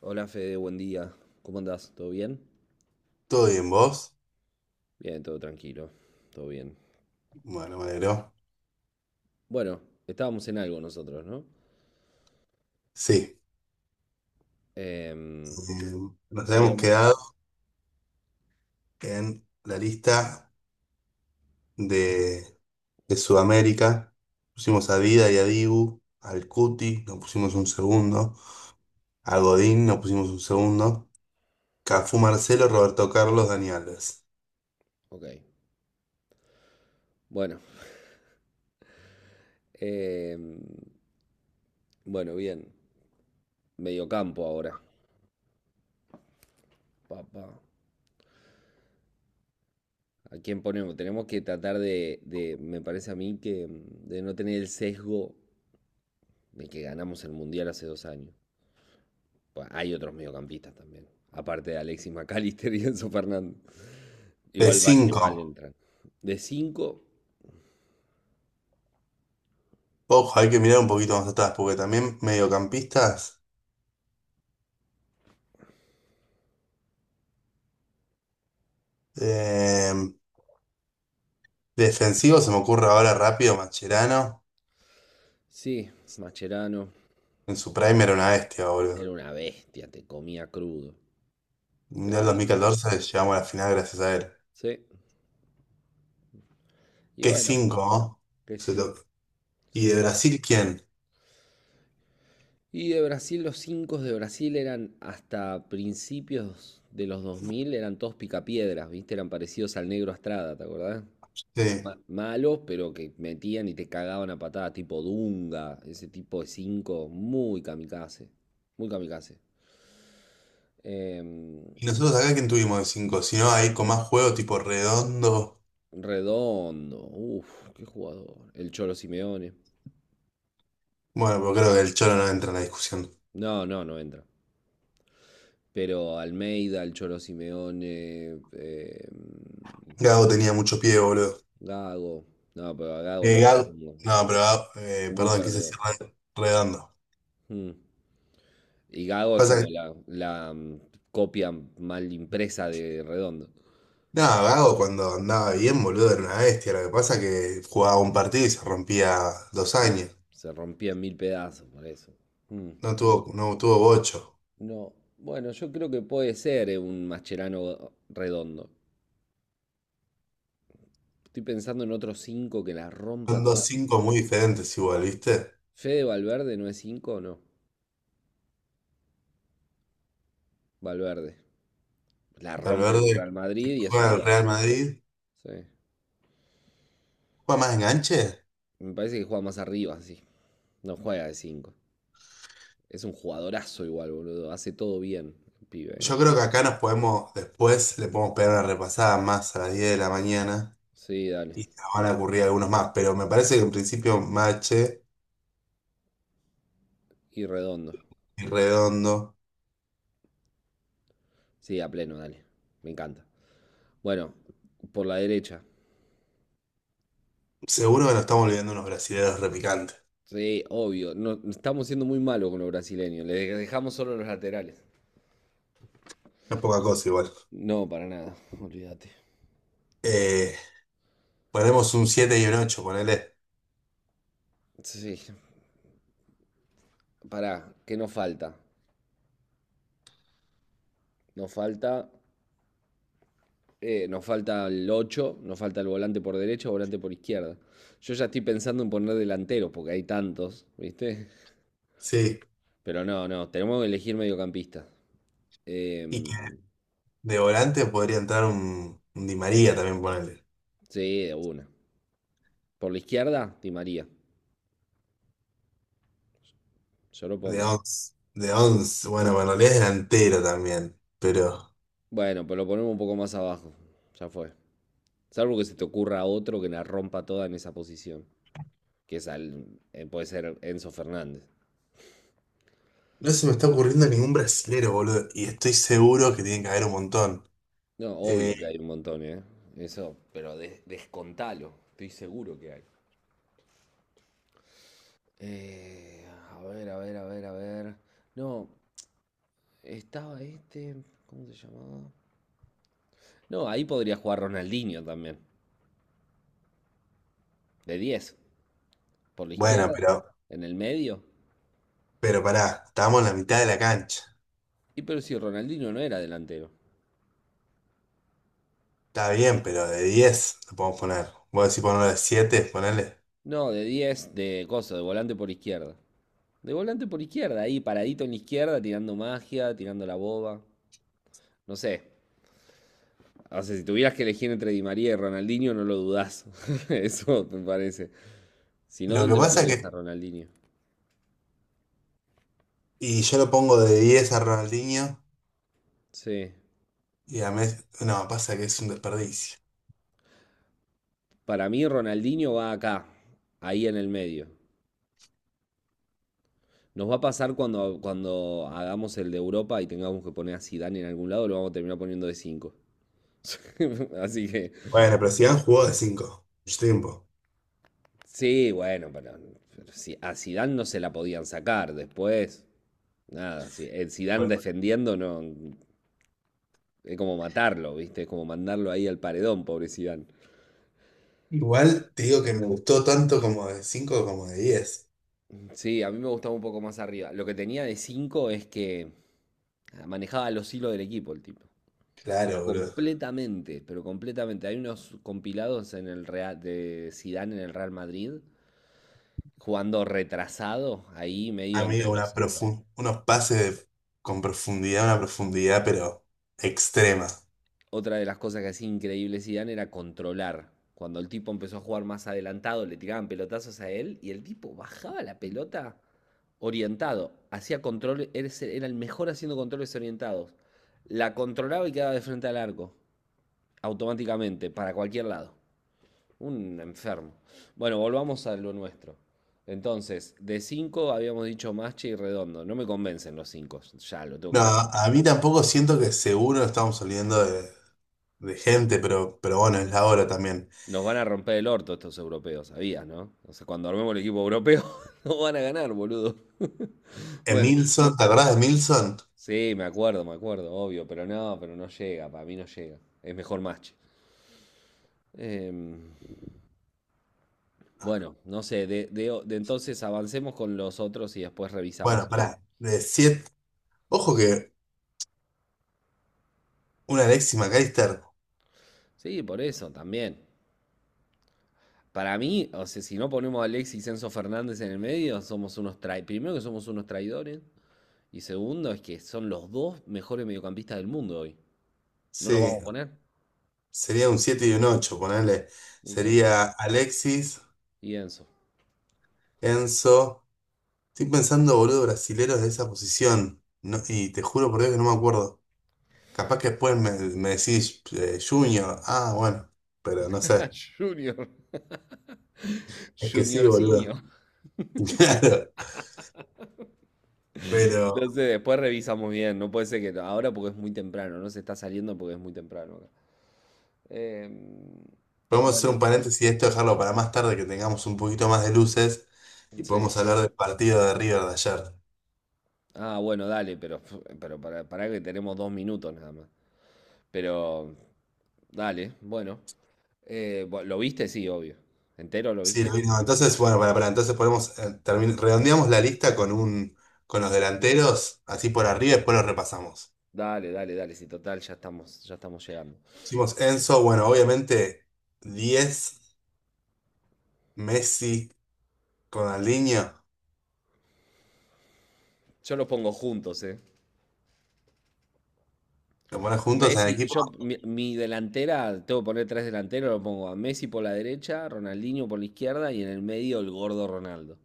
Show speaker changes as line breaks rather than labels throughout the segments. Hola Fede, buen día. ¿Cómo andás? ¿Todo bien?
¿Todo bien vos?
Bien, todo tranquilo, todo bien.
Bueno, me alegro.
Bueno, estábamos en algo nosotros, ¿no?
Sí,
Em,
eh, nos hemos
Habíamos.
quedado en la lista de, de Sudamérica. Pusimos a Dida y a Dibu, al Cuti, nos pusimos un segundo, a Godín, nos pusimos un segundo, Cafú Marcelo, Roberto Carlos, Dani Alves.
Ok, bueno. Em, bueno, bien. Mediocampo ahora. Papá. ¿A quién ponemos? Tenemos que tratar me parece a mí que de no tener el sesgo de que ganamos el Mundial hace 2 años. Pues hay otros mediocampistas también, aparte de Alexis McAllister y Enzo Fernández.
De
Igual van,
cinco,
igual entran. De 5
ojo, hay que mirar un poquito más atrás, porque también mediocampistas, eh, defensivos, se me ocurre ahora rápido, Mascherano,
sí, Mascherano
en su prime era una bestia, boludo.
era una bestia, te comía crudo. Te
Mundial dos
comía
mil
crudo.
catorce llegamos a la final gracias a él.
Sí. Y
Qué
bueno,
cinco, ¿no?
que
Se
sí,
lo-
sí.
¿Y de Brasil quién?
Y de Brasil, los 5 de Brasil eran hasta principios de los 2000, eran todos picapiedras, ¿viste? Eran parecidos al Negro Estrada, ¿te acordás?
Sí.
Malos, pero que metían y te cagaban a patada, tipo Dunga, ese tipo de 5 muy kamikaze, muy kamikaze. Em,
¿Y nosotros acá quién tuvimos de cinco? Si no, ahí con más juego tipo redondo.
Redondo, ¡uf!, qué jugador. El Cholo Simeone.
Bueno, pero creo que el Cholo no entra en la discusión.
No, no, no entra. Pero Almeida, el Cholo Simeone,
Gago tenía mucho pie, boludo.
Gago. No, pero a Gago no lo
Gago.
pongo yo.
No, pero Gago,
Muy
perdón, quise
perdedor.
decir redondo.
Mm. Y Gago es
Pasa
como
que.
la, copia mal impresa de Redondo.
No, Gago cuando andaba bien, boludo, era una bestia. Lo que pasa que jugaba un partido y se rompía dos
Em,
años.
Se rompía en mil pedazos por eso. Mm.
No tuvo bocho.
No, bueno, yo creo que puede ser un Mascherano Redondo. Estoy pensando en otros cinco que la rompa
Son dos
toda.
cinco muy diferentes igual, ¿viste?
Fede Valverde no es 5, no. Valverde. La rompe el
Valverde
Real Madrid y es
juega en el
uruguayo.
Real Madrid,
Sí.
juega más enganche.
Me parece que juega más arriba, sí. No juega de 5. Es un jugadorazo igual, boludo. Hace todo bien, el pibe.
Yo
eh.
creo que acá nos podemos, después le podemos pegar una repasada más a las 10 de la mañana
Sí, dale.
y nos van a ocurrir algunos más, pero me parece que en principio Mache
Y redondo.
y Redondo,
Sí, a pleno, dale. Me encanta. Bueno, por la derecha.
seguro que nos estamos olvidando unos brasileños repicantes.
Sí, obvio. No, estamos siendo muy malos con los brasileños. Le dejamos solo los laterales.
No es poca cosa igual.
No, para nada. Olvídate.
Eh, ponemos un 7 y un 8, ponele.
Sí, pará. ¿Qué nos falta? Nos falta nos falta el 8, nos falta el volante por derecha, volante por izquierda. Yo ya estoy pensando en poner delanteros, porque hay tantos, ¿viste?
Sí.
Pero no, no, tenemos que elegir mediocampista. Eh,
Y que de volante podría entrar un Di María también, ponele.
sí, de una. Por la izquierda, Di María. Yo lo
De
pongo.
11, De 11. Bueno, en realidad es delantero también, pero.
Bueno, pero lo ponemos un poco más abajo. Ya fue. Salvo que se te ocurra otro que la rompa toda en esa posición. Que es al- puede ser Enzo Fernández.
No se me está ocurriendo ningún brasilero, boludo. Y estoy seguro que tiene que haber un montón.
No, obvio
Eh,
que hay un montón, ¿eh? Eso, pero descontalo. Estoy seguro que hay. A ver, a ver, a ver, a ver. No, estaba este. ¿Cómo se llamaba? No, ahí podría jugar Ronaldinho también. De 10, por la
bueno,
izquierda,
pero,
en el medio.
pero pará, estamos en la mitad de la cancha.
Y pero si Ronaldinho no era delantero.
Está bien, pero de 10 lo podemos poner. Vos decís ponerlo de 7 ponele.
No, de diez, de cosa, de volante por izquierda. De volante por izquierda, ahí paradito en la izquierda, tirando magia, tirando la boba. No sé. O sea, si tuvieras que elegir entre Di María y Ronaldinho, no lo dudás. Eso me parece. Si no,
Lo que
¿dónde lo
pasa es
ponías a
que.
Ronaldinho?
Y yo lo pongo de 10 a Ronaldinho
Sí.
y a Messi. No, pasa que es un desperdicio.
Para mí Ronaldinho va acá, ahí en el medio. Nos va a pasar cuando hagamos el de Europa y tengamos que poner a Zidane en algún lado, lo vamos a terminar poniendo de 5. Así que,
Bueno, pero Zidane jugó de 5 mucho tiempo.
sí, bueno, pero si a Zidane no se la podían sacar después. Nada, si, el Zidane
Bueno,
defendiendo no, es como matarlo, ¿viste? Es como mandarlo ahí al paredón, pobre Zidane.
igual te digo que me gustó tanto como de 5 como de diez.
Sí, a mí me gustaba un poco más arriba. Lo que tenía de 5 es que manejaba los hilos del equipo el tipo.
Claro, boludo.
Completamente, pero completamente. Hay unos compilados en el Real, de Zidane en el Real Madrid, jugando retrasado, ahí medio entre
Amigo,
los centrales.
unos pases con profundidad, una profundidad, pero extrema.
Otra de las cosas que hacía increíble Zidane era controlar. Cuando el tipo empezó a jugar más adelantado, le tiraban pelotazos a él y el tipo bajaba la pelota orientado, hacía controles, era el mejor haciendo controles orientados. La controlaba y quedaba de frente al arco, automáticamente, para cualquier lado. Un enfermo. Bueno, volvamos a lo nuestro. Entonces, de 5 habíamos dicho Masche y Redondo. No me convencen los cinco, ya lo tengo
No,
que decir.
a mí tampoco siento que seguro estamos saliendo de gente, pero bueno, es la hora también.
Nos van a romper el orto estos europeos, sabías, ¿no? O sea, cuando armemos el equipo europeo, no van a ganar, boludo. Bueno,
Emilson, ¿te acordás de Emilson?
sí, me acuerdo, obvio, pero no llega, para mí no llega. Es mejor Masche. Em, bueno, no sé, de entonces avancemos con los otros y después revisamos
Bueno,
eso.
pará, de siete. Ojo que un Alexis McAllister,
Sí, por eso también. Para mí, o sea, si no ponemos a Alexis y Enzo Fernández en el medio, somos unos traidores. Primero que somos unos traidores. Y segundo, es que son los dos mejores mediocampistas del mundo hoy. ¿No los
sí,
vamos a poner?
sería un 7 y un 8 ponele.
Sí.
Sería Alexis,
Y Enzo.
Enzo. Estoy pensando, boludo, brasileros de esa posición. No, y te juro por Dios que no me acuerdo. Capaz que después me decís Junior, ah, bueno, pero no sé.
Junior.
Es que sí, boludo.
Juniorcinio.
Claro, pero
No sé, después revisamos bien. No puede ser que ahora porque es muy temprano. No se está saliendo porque es muy temprano, acá. Eh,
podemos hacer
bueno,
un paréntesis de esto, dejarlo para más tarde, que tengamos un poquito más de luces y
sí.
podemos hablar del partido de River de ayer.
Ah, bueno, dale, pero para, que tenemos 2 minutos nada más. Pero, dale, bueno. ¿Lo viste? Sí, obvio. ¿Entero lo
Sí,
viste?
lo mismo. Entonces, bueno, entonces podemos redondeamos la lista con los delanteros, así por arriba, y después los repasamos.
Dale, dale, dale. Sí, total, ya estamos llegando.
Hicimos Enzo, bueno, obviamente diez: Messi, Ronaldinho,
Yo los pongo juntos, ¿eh?
lo pones juntos en el
Messi,
equipo.
mi delantera, tengo que poner tres delanteros, lo pongo a Messi por la derecha, Ronaldinho por la izquierda y en el medio el gordo Ronaldo.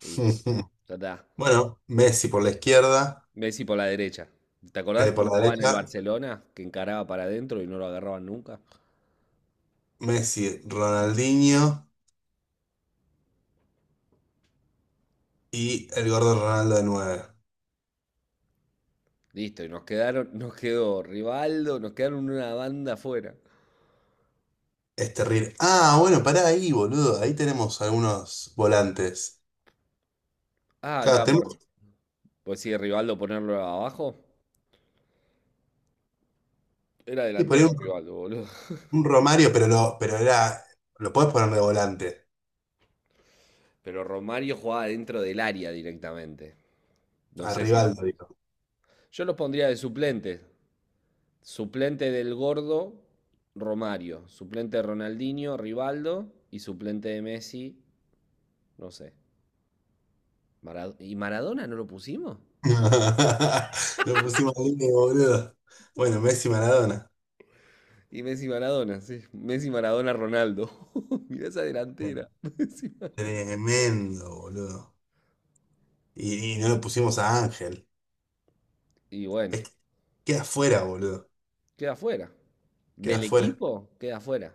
Listo, ya está.
Bueno, Messi por la izquierda,
Messi por la derecha. ¿Te acordás
por
cómo
la
jugaba en el
derecha,
Barcelona? Que encaraba para adentro y no lo agarraban nunca.
Messi, Ronaldinho y el gordo Ronaldo de nueve.
Listo, y nos quedaron, nos quedó Rivaldo, nos quedaron una banda afuera.
Es terrible. Ah, bueno, pará ahí, boludo. Ahí tenemos algunos volantes.
Ah,
Claro,
no,
tenemos
pues sí, Rivaldo ponerlo abajo. Era
que poner
delantero
un,
Rivaldo, boludo.
un Romario, lo podés poner de volante.
Pero Romario jugaba dentro del área directamente. No
A
sé si lo
Rivaldo,
pon-
digo.
Yo los pondría de suplente. Suplente del gordo, Romario. Suplente de Ronaldinho, Rivaldo. Y suplente de Messi, no sé. ¿Y Maradona no lo pusimos?
Lo pusimos ahí, boludo. Bueno, Messi Maradona.
Y Messi Maradona, sí. Messi Maradona Ronaldo. Mirá esa delantera. Messi, Mar-
Tremendo, boludo. Y no lo pusimos a Ángel.
y bueno,
Es que queda afuera, boludo.
queda fuera.
Queda
Del
afuera.
equipo, queda fuera.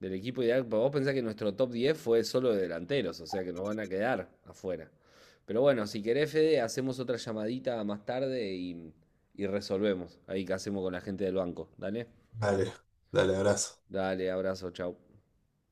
Del equipo ideal. Vos pensás que nuestro top 10 fue solo de delanteros, o sea que nos van a quedar afuera. Pero bueno, si querés, Fede, hacemos otra llamadita más tarde y resolvemos ahí qué hacemos con la gente del banco. Dale,
Dale, dale, abrazo.
dale, abrazo, chau.